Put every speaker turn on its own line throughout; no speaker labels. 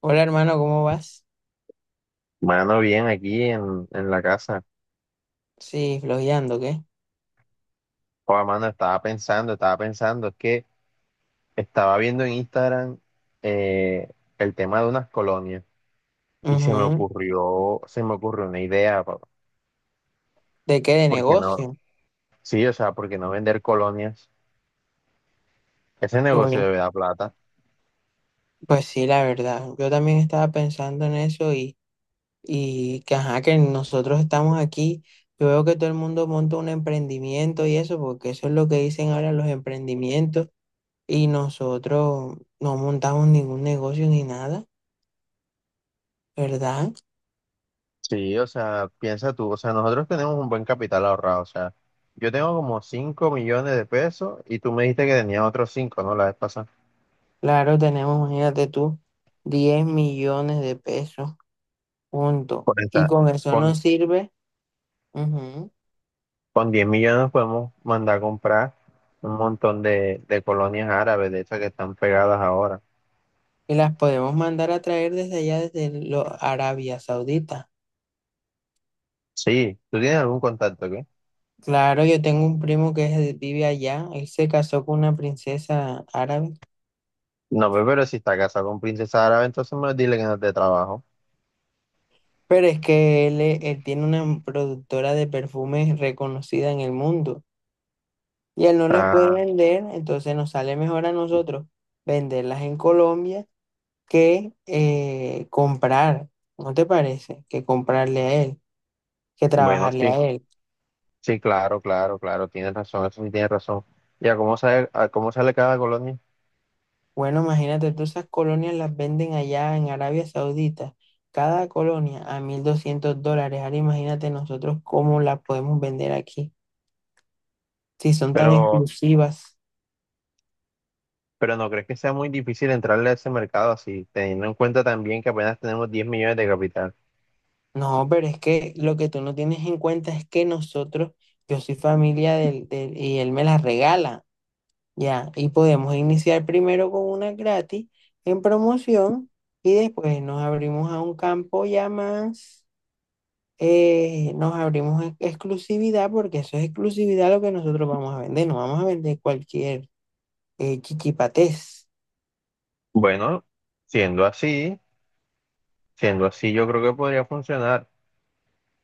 Hola hermano, ¿cómo vas?
Mano, bien, aquí en la casa.
Sí, flojeando, ¿qué?
Joder, mano, estaba pensando, es que estaba viendo en Instagram eh, el tema de unas colonias y se me
Ujú.
ocurrió, se me ocurrió una idea, papá.
¿De qué? ¿De
¿Por qué no?
negocio?
Sí, o sea, ¿por qué no vender colonias? Ese negocio
Uy,
debe dar plata.
pues sí, la verdad. Yo también estaba pensando en eso y que ajá, que nosotros estamos aquí. Yo veo que todo el mundo monta un emprendimiento y eso, porque eso es lo que dicen ahora los emprendimientos. Y nosotros no montamos ningún negocio ni nada, ¿verdad?
Sí, o sea, piensa tú, o sea, nosotros tenemos un buen capital ahorrado, o sea, yo tengo como 5 millones de pesos y tú me dijiste que tenías otros 5, ¿no? La vez pasada.
Claro, tenemos, imagínate tú, 10 millones de pesos, punto.
Con
Y con eso nos sirve. Ujú.
Con 10 millones podemos mandar a comprar un montón de colonias árabes, de esas que están pegadas ahora.
Y las podemos mandar a traer desde allá, desde Arabia Saudita.
Sí, ¿tú tienes algún contacto, qué?
Claro, yo tengo un primo que vive allá. Él se casó con una princesa árabe.
No, pero si está casado con princesa árabe, entonces me dile que no te trabajo.
Pero es que él, él tiene una productora de perfumes reconocida en el mundo. Y él no las puede
Ah,
vender, entonces nos sale mejor a nosotros venderlas en Colombia que comprar. ¿No te parece? Que comprarle a él, que
bueno,
trabajarle a
sí,
él.
sí, claro, claro, claro, tienes razón, eso sí tienes razón. Ya, a cómo sale cada colonia?
Bueno, imagínate, todas esas colonias las venden allá en Arabia Saudita, cada colonia a $1.200. Ahora imagínate nosotros cómo las podemos vender aquí, si son tan
Pero,
exclusivas.
pero ¿no crees que sea muy difícil entrarle a ese mercado así, teniendo en cuenta también que apenas tenemos 10 millones de capital?
No, pero es que lo que tú no tienes en cuenta es que nosotros, yo soy familia del y él me las regala, ya, y podemos iniciar primero con una gratis en promoción y después nos abrimos a un campo ya más. Nos abrimos en exclusividad porque eso es exclusividad lo que nosotros vamos a vender. No vamos a vender cualquier chichipatés.
Bueno, siendo así, siendo así, yo creo que podría funcionar.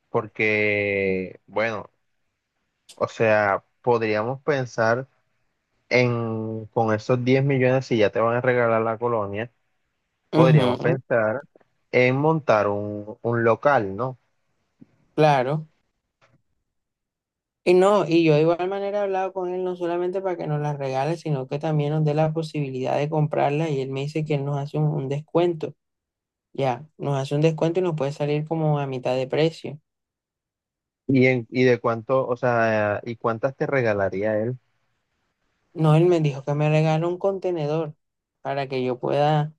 Porque, bueno, o sea, podríamos pensar con esos 10 millones, si ya te van a regalar la colonia, podríamos
Ujú,
pensar en montar un local, ¿no?
claro. Y no, y yo de igual manera he hablado con él no solamente para que nos las regale, sino que también nos dé la posibilidad de comprarla y él me dice que él nos hace un descuento. Ya, nos hace un descuento y nos puede salir como a mitad de precio.
Y de cuánto, o sea, y cuántas te regalaría él.
No, él me dijo que me regala un contenedor para que yo pueda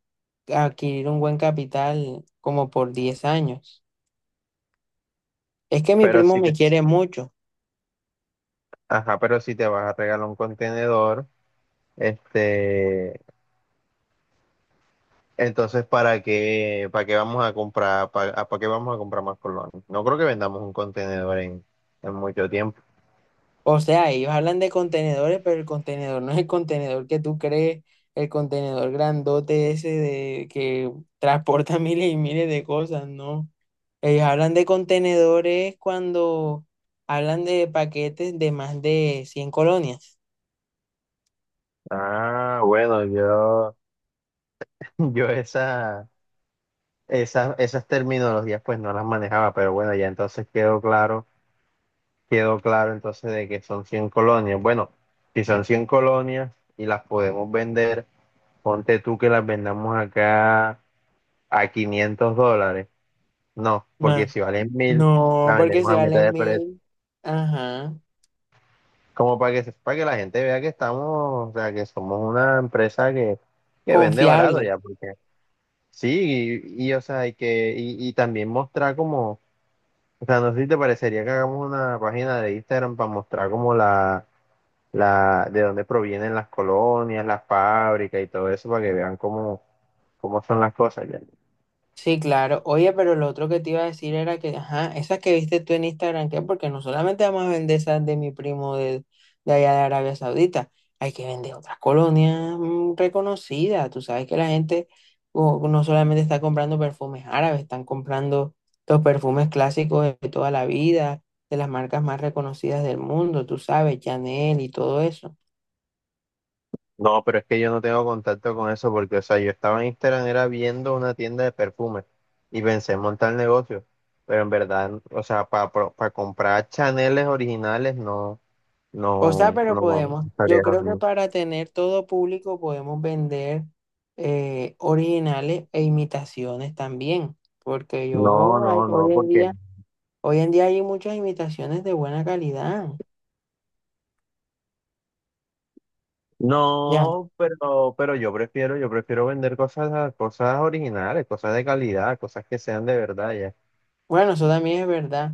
adquirir un buen capital como por 10 años. Es que mi
Pero
primo
si
me
te,
quiere mucho.
ajá, pero si te vas a regalar un contenedor, este, entonces, para qué vamos a comprar más colonias? No creo que vendamos un contenedor en mucho tiempo.
O sea, ellos hablan de contenedores, pero el contenedor no es el contenedor que tú crees, el contenedor grandote ese de que transporta miles y miles de cosas, ¿no? Ellos hablan de contenedores cuando hablan de paquetes de más de 100 colonias.
Ah, bueno, yo esas terminologías pues no las manejaba, pero bueno, ya entonces quedó claro entonces de que son 100 colonias. Bueno, si son 100 colonias y las podemos vender, ponte tú que las vendamos acá a $500. No, porque
Más.
si valen 1000
No,
las
porque
vendemos
si
a mitad
vale
de precio.
mil, ajá,
Como para que, para que la gente vea que estamos, o sea, que somos una empresa que vende barato
confiable.
ya, porque. Sí, o sea, y también mostrar como, o sea, no sé si te parecería que hagamos una página de Instagram para mostrar como de dónde provienen las colonias, las fábricas y todo eso, para que vean cómo son las cosas ya.
Sí, claro. Oye, pero lo otro que te iba a decir era que, ajá, esas que viste tú en Instagram, ¿qué? Porque no solamente vamos a vender esas de mi primo de allá de Arabia Saudita, hay que vender otras colonias reconocidas. Tú sabes que la gente no solamente está comprando perfumes árabes, están comprando los perfumes clásicos de toda la vida, de las marcas más reconocidas del mundo, tú sabes, Chanel y todo eso.
No, pero es que yo no tengo contacto con eso, porque, o sea, yo estaba en Instagram, era viendo una tienda de perfumes, y pensé en montar el negocio, pero en verdad, o sea, para comprar Chaneles originales, no,
O sea,
no,
pero
no, no
podemos, yo
estaría.
creo que para tener todo público podemos vender originales e imitaciones también, porque
No, no, no, porque.
hoy en día hay muchas imitaciones de buena calidad. Ya,
No, pero yo prefiero vender cosas, cosas originales, cosas de calidad, cosas que sean de verdad ya.
bueno, eso también es verdad,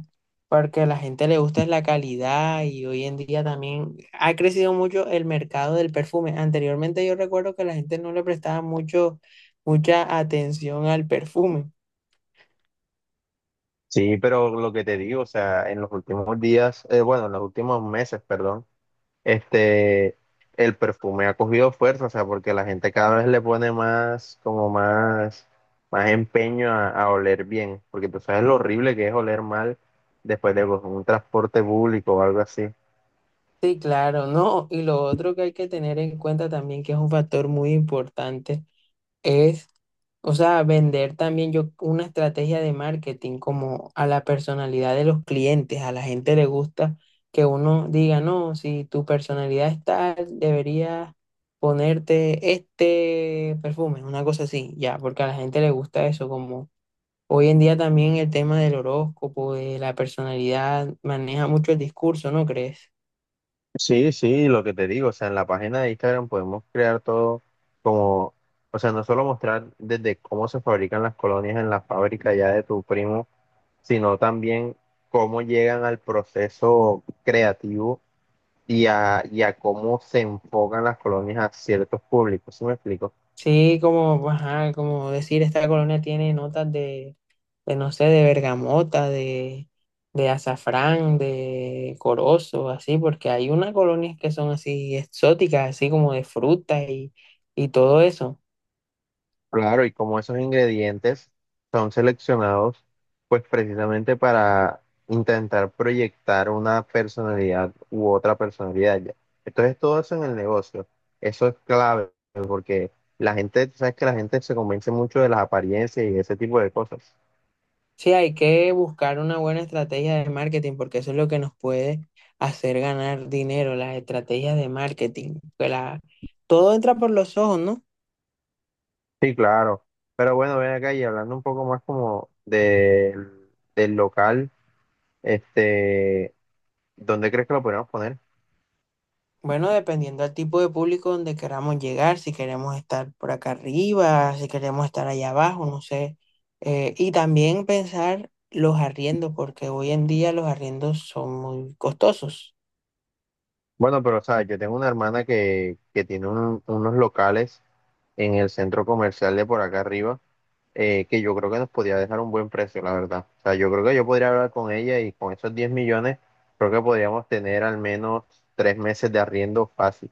porque a la gente le gusta es la calidad y hoy en día también ha crecido mucho el mercado del perfume. Anteriormente yo recuerdo que la gente no le prestaba mucho, mucha atención al perfume.
Sí, pero lo que te digo, o sea, en los últimos días, bueno, en los últimos meses, perdón, este, el perfume ha cogido fuerza, o sea, porque la gente cada vez le pone más empeño a oler bien, porque tú sabes lo horrible que es oler mal después de pues, un transporte público o algo así.
Sí, claro, ¿no? Y lo otro que hay que tener en cuenta también, que es un factor muy importante, es, o sea, vender también yo una estrategia de marketing como a la personalidad de los clientes. A la gente le gusta que uno diga, no, si tu personalidad es tal, deberías ponerte este perfume, una cosa así, ya, porque a la gente le gusta eso, como hoy en día también el tema del horóscopo, de la personalidad, maneja mucho el discurso, ¿no crees?
Sí, sí, lo que te digo, o sea, en la página de Instagram podemos crear todo como, o sea, no solo mostrar desde cómo se fabrican las colonias en la fábrica ya de tu primo, sino también cómo llegan al proceso creativo y a cómo se enfocan las colonias a ciertos públicos, ¿sí me explico?
Sí, como, pues, ajá, como decir, esta colonia tiene notas de, no sé, de bergamota, de azafrán, de corozo, así, porque hay unas colonias que son así exóticas, así como de frutas y todo eso.
Claro, y como esos ingredientes son seleccionados, pues precisamente para intentar proyectar una personalidad u otra personalidad ya. Entonces todo eso en el negocio, eso es clave, porque la gente, sabes que la gente se convence mucho de las apariencias y ese tipo de cosas.
Sí, hay que buscar una buena estrategia de marketing, porque eso es lo que nos puede hacer ganar dinero, las estrategias de marketing. Todo entra por los ojos, ¿no?
Sí, claro. Pero bueno, ven acá y hablando un poco más como del local, este, ¿dónde crees que lo podemos poner?
Bueno, dependiendo del tipo de público donde queramos llegar, si queremos estar por acá arriba, si queremos estar allá abajo, no sé. Y también pensar los arriendos, porque hoy en día los arriendos son muy costosos.
Bueno, pero o sea, yo tengo una hermana que tiene unos locales en el centro comercial de por acá arriba, que yo creo que nos podía dejar un buen precio, la verdad. O sea, yo creo que yo podría hablar con ella y con esos 10 millones, creo que podríamos tener al menos 3 meses de arriendo fácil.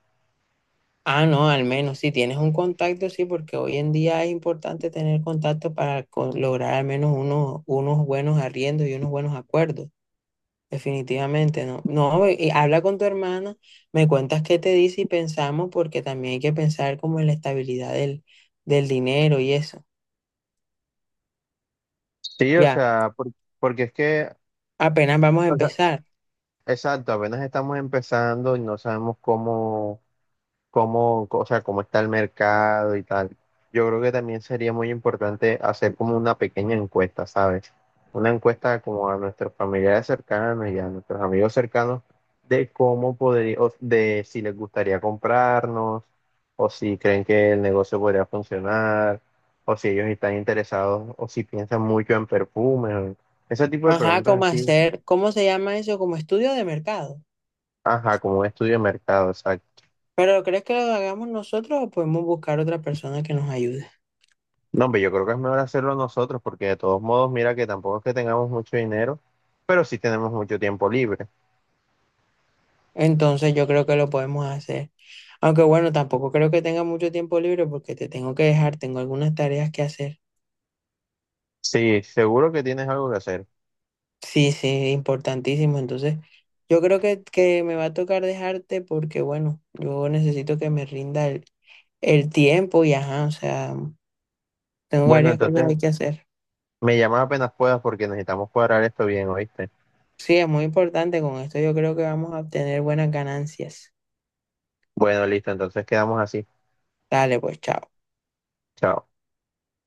Ah, no, al menos si tienes un contacto, sí, porque hoy en día es importante tener contacto para lograr al menos unos buenos arriendos y unos buenos acuerdos. Definitivamente no. No, y habla con tu hermana, me cuentas qué te dice y pensamos, porque también hay que pensar como en la estabilidad del dinero y eso.
Sí, o
Ya,
sea, porque es que,
apenas vamos a
o sea,
empezar.
exacto, apenas estamos empezando y no sabemos cómo, o sea, cómo está el mercado y tal. Yo creo que también sería muy importante hacer como una pequeña encuesta, ¿sabes? Una encuesta como a nuestros familiares cercanos y a nuestros amigos cercanos de cómo podría, o de si les gustaría comprarnos, o si creen que el negocio podría funcionar, o si ellos están interesados, o si piensan mucho en perfumes, o ese tipo de
Ajá, cómo
preguntas así,
hacer, ¿cómo se llama eso? Como estudio de mercado.
ajá, como un estudio de mercado, exacto.
Pero ¿crees que lo hagamos nosotros o podemos buscar otra persona que nos ayude?
No, hombre, yo creo que es mejor hacerlo nosotros porque de todos modos, mira que tampoco es que tengamos mucho dinero, pero sí tenemos mucho tiempo libre.
Entonces yo creo que lo podemos hacer. Aunque bueno, tampoco creo que tenga mucho tiempo libre porque te tengo que dejar, tengo algunas tareas que hacer.
Sí, seguro que tienes algo que hacer.
Sí, sí, importantísimo. Entonces, yo creo que me va a tocar dejarte porque, bueno, yo necesito que me rinda el tiempo y, ajá, o sea, tengo
Bueno,
varias cosas
entonces
hay que hacer.
me llamas apenas puedas porque necesitamos cuadrar esto bien, ¿oíste?
Sí, es muy importante. Con esto yo creo que vamos a obtener buenas ganancias.
Bueno, listo, entonces quedamos así.
Dale, pues, chao.
Chao.